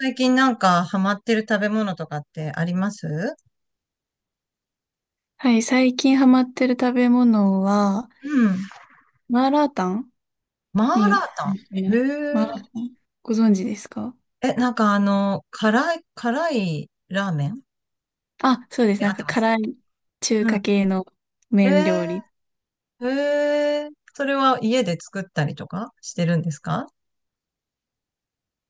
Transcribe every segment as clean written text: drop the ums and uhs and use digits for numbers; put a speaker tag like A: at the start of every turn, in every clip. A: 最近なんかハマってる食べ物とかってあります？
B: はい、最近ハマってる食べ物は、
A: うん。
B: マーラータン
A: マーラー
B: に、
A: タン。
B: んマーラー
A: へ
B: タン、ご存知ですか？
A: え。え、なんかあの、辛い、辛いラーメン
B: あ、そうです。
A: で
B: な
A: 合
B: ん
A: って
B: か
A: ます？
B: 辛い中
A: う
B: 華
A: ん。
B: 系の
A: へ
B: 麺
A: え。
B: 料理。
A: へえ。それは家で作ったりとかしてるんですか？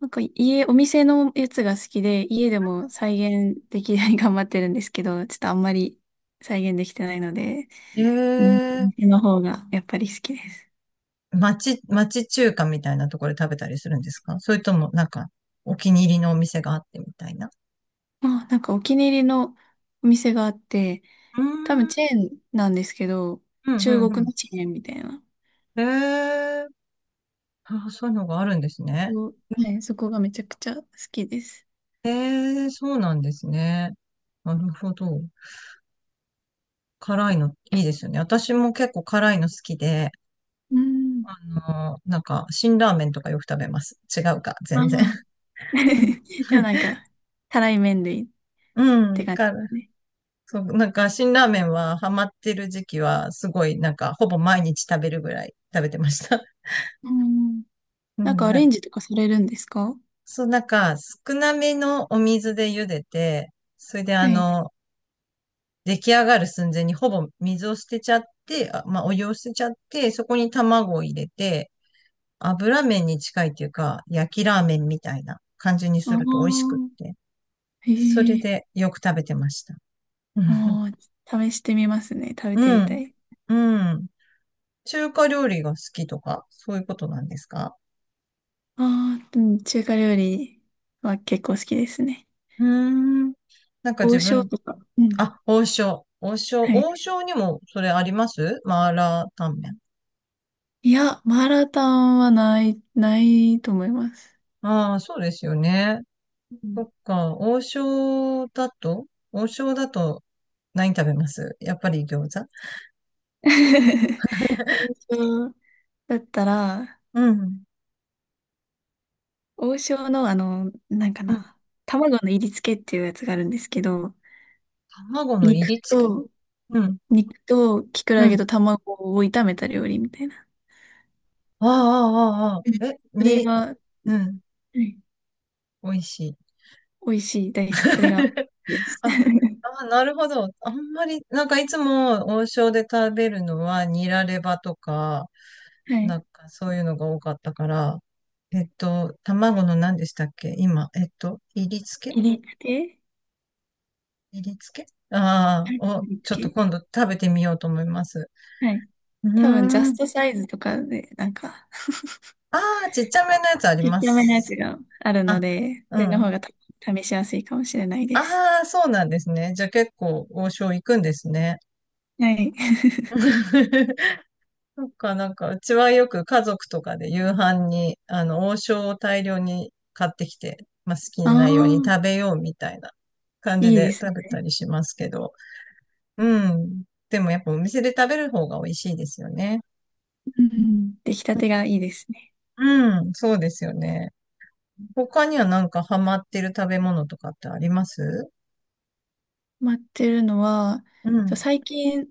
B: なんか家、お店のやつが好きで、家でも再現できるように頑張ってるんですけど、ちょっとあんまり再現できてないので、
A: へ
B: うん、
A: え。
B: 店の方がやっぱり好きです。
A: 町中華みたいなところで食べたりするんですか？それともなんかお気に入りのお店があってみたいな。
B: まあ、なんかお気に入りのお店があって、
A: うー
B: 多分
A: ん。
B: チェーンなんですけど、
A: うん、
B: 中
A: う
B: 国
A: ん、
B: のチェーンみたいな。
A: うん。へえ。あ、そういうのがあるんです
B: そ
A: ね。
B: のはい、そこがめちゃくちゃ好きです。
A: ええ、そうなんですね。なるほど。辛いのいいですよね。私も結構辛いの好きで、
B: うん。
A: あの、なんか、辛ラーメンとかよく食べます。違うか、
B: ああ、
A: 全然。うん
B: でもなん か、たらい麺類っ
A: う
B: て
A: ん、
B: 感じで
A: から、
B: すね。
A: そう、なんか、辛ラーメンはハマってる時期は、すごい、なんか、ほぼ毎日食べるぐらい食べてました。
B: うん。
A: う
B: なんか
A: ん、
B: ア
A: なん
B: レ
A: か、
B: ンジとかされるんですか？
A: そう、なんか、少なめのお水で茹でて、それであ
B: はい。
A: の、出来上がる寸前にほぼ水を捨てちゃって、あ、まあ、お湯を捨てちゃって、そこに卵を入れて、油麺に近いというか、焼きラーメンみたいな感じに
B: あ
A: す
B: あ、
A: ると美味しくって。
B: へ
A: それ
B: え。
A: でよく食べてました。
B: ああ、試してみますね。食べて
A: う
B: みた
A: ん。
B: い。
A: うん。中華料理が好きとか、そういうことなんですか？
B: ああ、うん、中華料理は結構好きですね。
A: うーん。なんか
B: 王
A: 自
B: 将
A: 分、
B: とか。うん。
A: あ、王将。王将。
B: はい。
A: 王将にもそれあります？マーラータンメン。
B: いや、マーラータンはない、ないと思います。
A: ああ、そうですよね。
B: う
A: そ
B: ん。
A: っか、王将だと何食べます？やっぱり餃子？
B: 王将だったら、
A: うん。
B: 王将のあの、なんか
A: うん。
B: な、卵の入り付けっていうやつがあるんですけど、
A: 卵の入
B: 肉
A: り付け？
B: と、
A: うん。
B: 肉ときくら
A: う
B: げ
A: ん。
B: と卵を炒めた料理みたいな。
A: ああ、ああ、あ
B: う
A: あ。
B: ん、
A: え、
B: それ
A: に、
B: が、は
A: うん。
B: い、
A: 美味しい。
B: 美味しいです。それが、です。
A: あ、あ、なるほど。あんまり、なんかいつも王将で食べるのはニラレバとか、
B: は
A: な
B: い。
A: んかそういうのが多かったから、えっと、卵の何でしたっけ今、えっと、入り付け、
B: 入り付け、
A: 練りつけ、あ
B: はい、
A: あー、
B: 入
A: を、
B: り
A: ちょっと
B: 付
A: 今度食べてみようと思います。
B: け、はい。
A: う
B: 多分、ジャ
A: ーん。
B: ストサイズとかで、なんか、
A: ああ、ちっちゃめのやつあり
B: ちっ
A: ま
B: ちゃめのやつ
A: す。
B: があるの
A: あ、
B: で、そ
A: う
B: れの
A: ん。
B: 方がた試しやすいかもしれないです。
A: ああ、そうなんですね。じゃあ結構王将行くんですね。
B: はい。
A: なんか、なんか、うちはよく家族とかで夕飯に、あの、王将を大量に買ってきて、まあ、好き
B: あ
A: なように食
B: あ、
A: べようみたいな 感じ
B: いいで
A: で
B: すね。
A: 食べたりしますけど、うん。でもやっぱお店で食べる方が美味しいですよね。
B: うん。出来たてがいいですね。
A: うん、そうですよね。他にはなんかハマってる食べ物とかってあります？
B: 待ってるのは、
A: う
B: そう、
A: ん、
B: 最近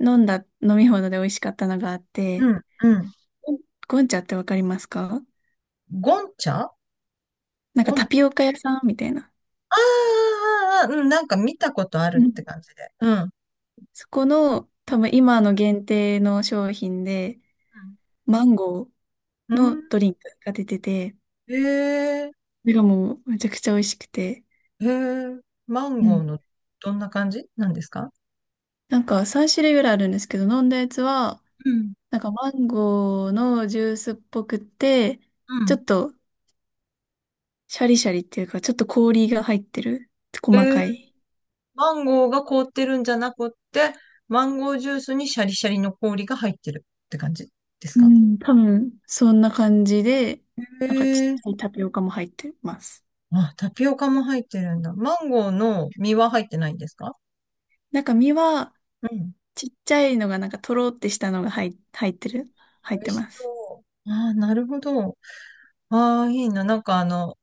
B: 飲んだ飲み物で美味しかったのがあって、
A: うん、うん。
B: ゴンゴンチャってわかりますか？
A: ゴンチャ、
B: なんか
A: あ
B: タ
A: ー
B: ピオカ屋さんみたいな。
A: あー、あーうん、なんか見たことあ
B: う
A: るって
B: ん。
A: 感じで。うん。
B: そこの
A: うん。
B: 多分今の限定の商品で、マンゴー
A: うん。う
B: の
A: ん、
B: ドリンクが出てて、
A: えー、
B: それがもうめちゃくちゃ美味しくて。
A: えー、マン
B: う
A: ゴー
B: ん。
A: の、どんな感じなんですか？
B: なんか3種類ぐらいあるんですけど、飲んだやつは、
A: うん。
B: なんかマンゴーのジュースっぽくて、
A: う
B: ちょ
A: ん。
B: っとシャリシャリっていうか、ちょっと氷が入ってる。
A: え
B: 細
A: ー、
B: かい。
A: マンゴーが凍ってるんじゃなくって、マンゴージュースにシャリシャリの氷が入ってるって感じです
B: う
A: か？
B: ん、多分、そんな感じで、なんかちっちゃ
A: え、
B: いタピオカも入ってます。
A: あ、タピオカも入ってるんだ。マンゴーの実は入ってないんですか？
B: なんか身は、
A: うん。
B: ちっちゃいのがなんかとろってしたのが入ってる。入っ
A: 美味
B: て
A: し
B: ます。
A: そう。ああ、なるほど。ああ、いいな。なんかあの、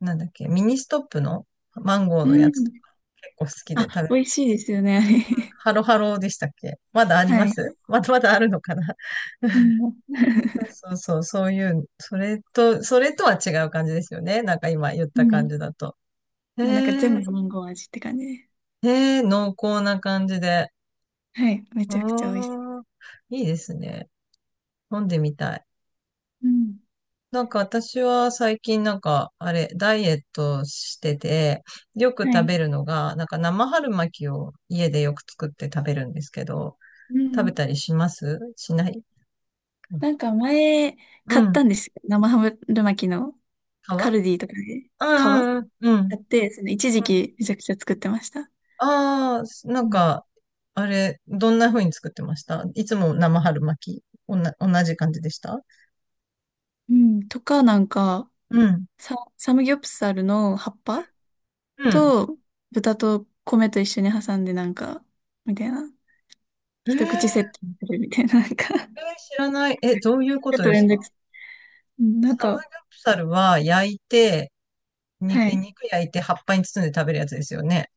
A: なんだっけ、ミニストップのマンゴーのや
B: う
A: つと
B: ん。
A: か、結構好きで食
B: あ、
A: べ
B: 美
A: る。
B: 味しいですよね。
A: ハ ロハロでしたっけ？まだあ
B: あ
A: り
B: れ。
A: ま
B: はい。
A: す？まだまだあるのかな。
B: う ん、
A: そうそうそう、そういう、それと、それとは違う感じですよね。なんか今言っ
B: う
A: た感
B: ん。
A: じだと。へ
B: もうなんか全
A: え、
B: 部マンゴー味って感じで。
A: へえ、濃厚な感じで。
B: はい。めちゃくちゃ美味しい。
A: ああ、いいですね。飲んでみたい。
B: うん、
A: なんか私は最近なんか、あれ、ダイエットしてて、よく
B: は
A: 食
B: い。
A: べるのが、なんか生春巻きを家でよく作って食べるんですけど、
B: う
A: 食べ
B: ん。
A: たりします？しない？う
B: なんか前、買っ
A: ん。
B: たんですよ。生ハムル巻きの。カ
A: 皮？
B: ルディとかで皮
A: うんうんうん。うん。
B: やって、その一時期めちゃくちゃ作ってました。
A: ああー、な
B: う
A: ん
B: ん。
A: か、あれ、どんな風に作ってました？いつも生春巻き、同じ感じでした？
B: うんとか、なんか、
A: うん。
B: サムギョプサルの葉っぱ
A: うん。
B: と豚と米と一緒に挟んでなんか、みたいな。
A: えー、
B: 一口セ
A: え
B: ットにするみたいな、なんか
A: ー知らない。え、どういうこ
B: ちょっ
A: と
B: と
A: で
B: め
A: す
B: んどく
A: か？
B: さい。うん、なん
A: サムギ
B: か、
A: ョプサルは焼いて、
B: はい。
A: 肉焼いて葉っぱに包んで食べるやつですよね。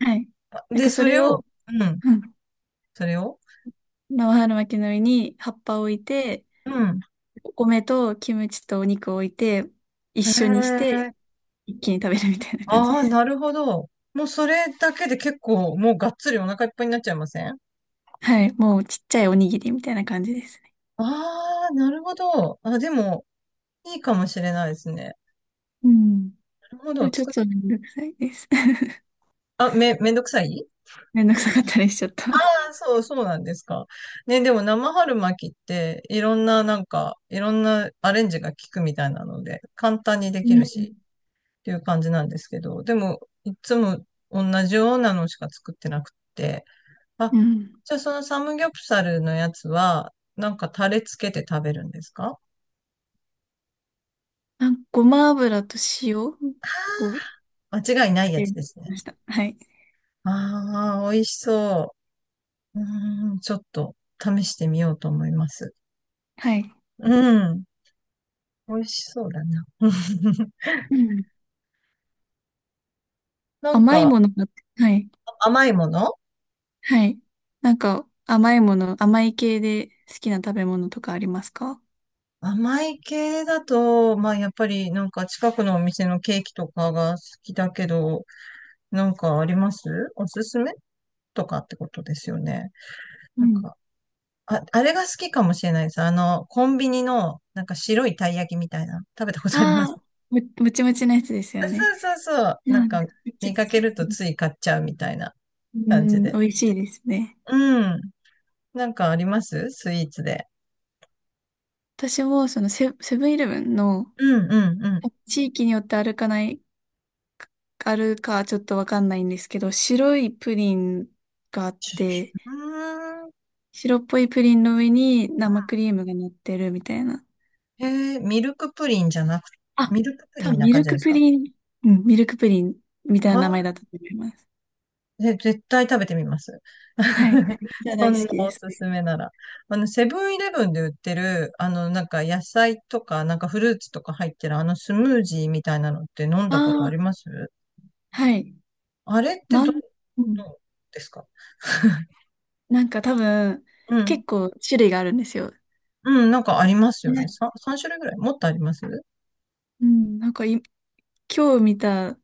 B: はい。なん
A: で、
B: かそ
A: それ
B: れを、
A: を、うん、
B: うん。
A: それを、
B: 生春巻きの上に葉っぱを置いて、
A: うん。
B: お米とキムチとお肉を置いて、一
A: へ
B: 緒にして、
A: え。
B: 一気に食べるみたいな感じ
A: あ
B: で
A: あ、
B: す。
A: なるほど。もうそれだけで結構、もうがっつりお腹いっぱいになっちゃいません？あ
B: はい、もうちっちゃいおにぎりみたいな感じですね。
A: あ、なるほど。あ、でも、いいかもしれないですね。
B: うん。
A: なるほ
B: でも
A: ど。
B: ちょっとめんどくさいです。
A: あ、めんどくさい？
B: めんどくさかったりしちゃった。
A: ああ、そう、そうなんですか。ね、でも生春巻きって、いろんな、なんか、いろんなアレンジが効くみたいなので、簡単にで
B: う
A: きる
B: ん。
A: し、ていう感じなんですけど、でも、いつも同じようなのしか作ってなくて、あ、
B: うん。
A: じゃあそのサムギョプサルのやつは、なんかタレつけて食べるんですか？
B: あ、ごま油と塩を
A: あー、間違いな
B: つ
A: いや
B: け
A: つです
B: ま
A: ね。
B: した。はい。
A: ああ、美味しそう。うーん、ちょっと試してみようと思います。
B: はい。
A: うん、美味しそうだな。
B: うん。
A: なん
B: 甘い
A: か
B: ものが、はい。
A: 甘いもの、
B: はい。なんか、甘いもの、甘い系で好きな食べ物とかありますか？
A: 甘い系だと、まあやっぱりなんか近くのお店のケーキとかが好きだけど、なんかあります？おすすめとかってことですよね。
B: う
A: なん
B: ん、
A: か、あ、あれが好きかもしれないです。あの、コンビニの、なんか白いたい焼きみたいな。食べたことありま
B: あ
A: す？
B: あー、も、もちもちのやつです
A: あ
B: よね。
A: そうそうそう。な
B: な
A: ん
B: んだ
A: か、
B: めっちゃ
A: 見
B: 好
A: かけ
B: き。
A: ると
B: う
A: つい買っちゃうみたいな
B: ん、う
A: 感じ
B: ん、美
A: で。
B: 味しいですね。
A: うん。なんかあります？スイーツで。
B: 私もそのセブンイレブンの
A: うんうんうん。
B: 地域によってあるかない、あるかちょっとわかんないんですけど、白いプリンがあっ
A: シュシュシ
B: て、
A: ュ、うーん。
B: 白っぽいプリンの上に生クリームが乗ってるみたいな。
A: へえ、ミルクプリンじゃなく、
B: あ、
A: ミルクプリ
B: 多
A: ン
B: 分
A: な
B: ミ
A: 感
B: ル
A: じで
B: ク
A: す
B: プ
A: か？
B: リン、うん、ミルクプリンみたいな名前
A: は
B: だったと思います。
A: 絶対食べてみます。
B: はい。じゃあ
A: そ
B: 大好
A: んな
B: きで
A: お
B: す
A: す
B: ね。
A: すめなら。あの、セブンイレブンで売ってる、あの、なんか野菜とか、なんかフルーツとか入ってる、あのスムージーみたいなのって飲ん
B: あ
A: だことあ
B: あ、
A: ります？
B: はい。
A: あれって
B: まん、う
A: ど
B: ん、
A: うですか？
B: なんか多分、
A: うん。
B: 結構種類があるんですよ。
A: うん、なんかありますよね。
B: ね、
A: 3、三種類ぐらい？もっとあります？
B: うん、なんかい今日見た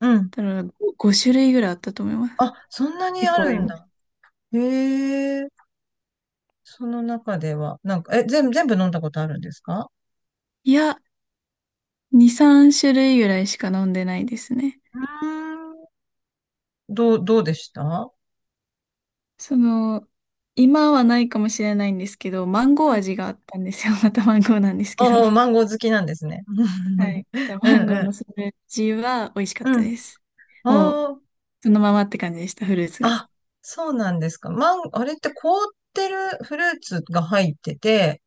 A: うん。
B: たら5種類ぐらいあったと思います。
A: あ、そんなに
B: 結
A: あ
B: 構あ
A: る
B: り
A: ん
B: ます。
A: だ。へえ。その中では、なんか、え、全部飲んだことあるんですか？
B: いや、2、3種類ぐらいしか飲んでないですね。
A: うーん。どうでした？
B: その、今はないかもしれないんですけど、マンゴー味があったんですよ。またマンゴーなんですけど。
A: おー、マンゴー好きなんですね。
B: はい。
A: う
B: マ
A: ん
B: ンゴー
A: うん。
B: のスムージーは美味しかっ
A: う
B: た
A: ん。
B: です。もう、
A: おー、
B: そのままって感じでした、フルーツが。
A: あ、そうなんですか。あれって凍ってるフルーツが入ってて、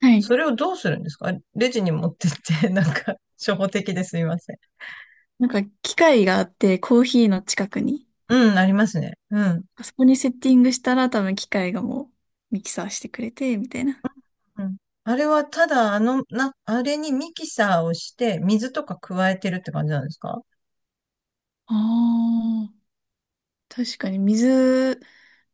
B: はい。
A: それをどうするんですか？レジに持ってって、なんか、初歩的ですいません。
B: なんか、機械があって、コーヒーの近くに。
A: うん、ありますね。うん。
B: あそこにセッティングしたら、多分機械がもう、ミキサーしてくれて、みたいな。
A: うん。あれはただ、あの、あれにミキサーをして、水とか加えてるって感じなんですか？
B: ああ。確かに水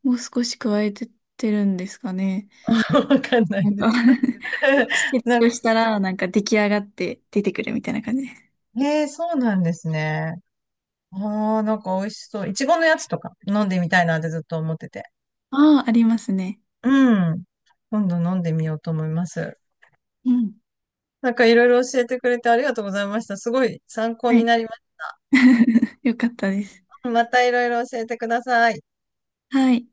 B: も少し加えてってるんですかね。
A: わかんない
B: なん
A: で
B: か
A: す。
B: 季 節
A: な、
B: としたら、なんか出来上がって出てくるみたいな感じです。
A: へえー、そうなんですね。ああ、なんか美味しそう。いちごのやつとか飲んでみたいなってずっと思ってて。
B: ああ、ありますね。
A: うん。今度飲んでみようと思います。
B: うん。
A: なんかいろい
B: はい。よかったです。はい。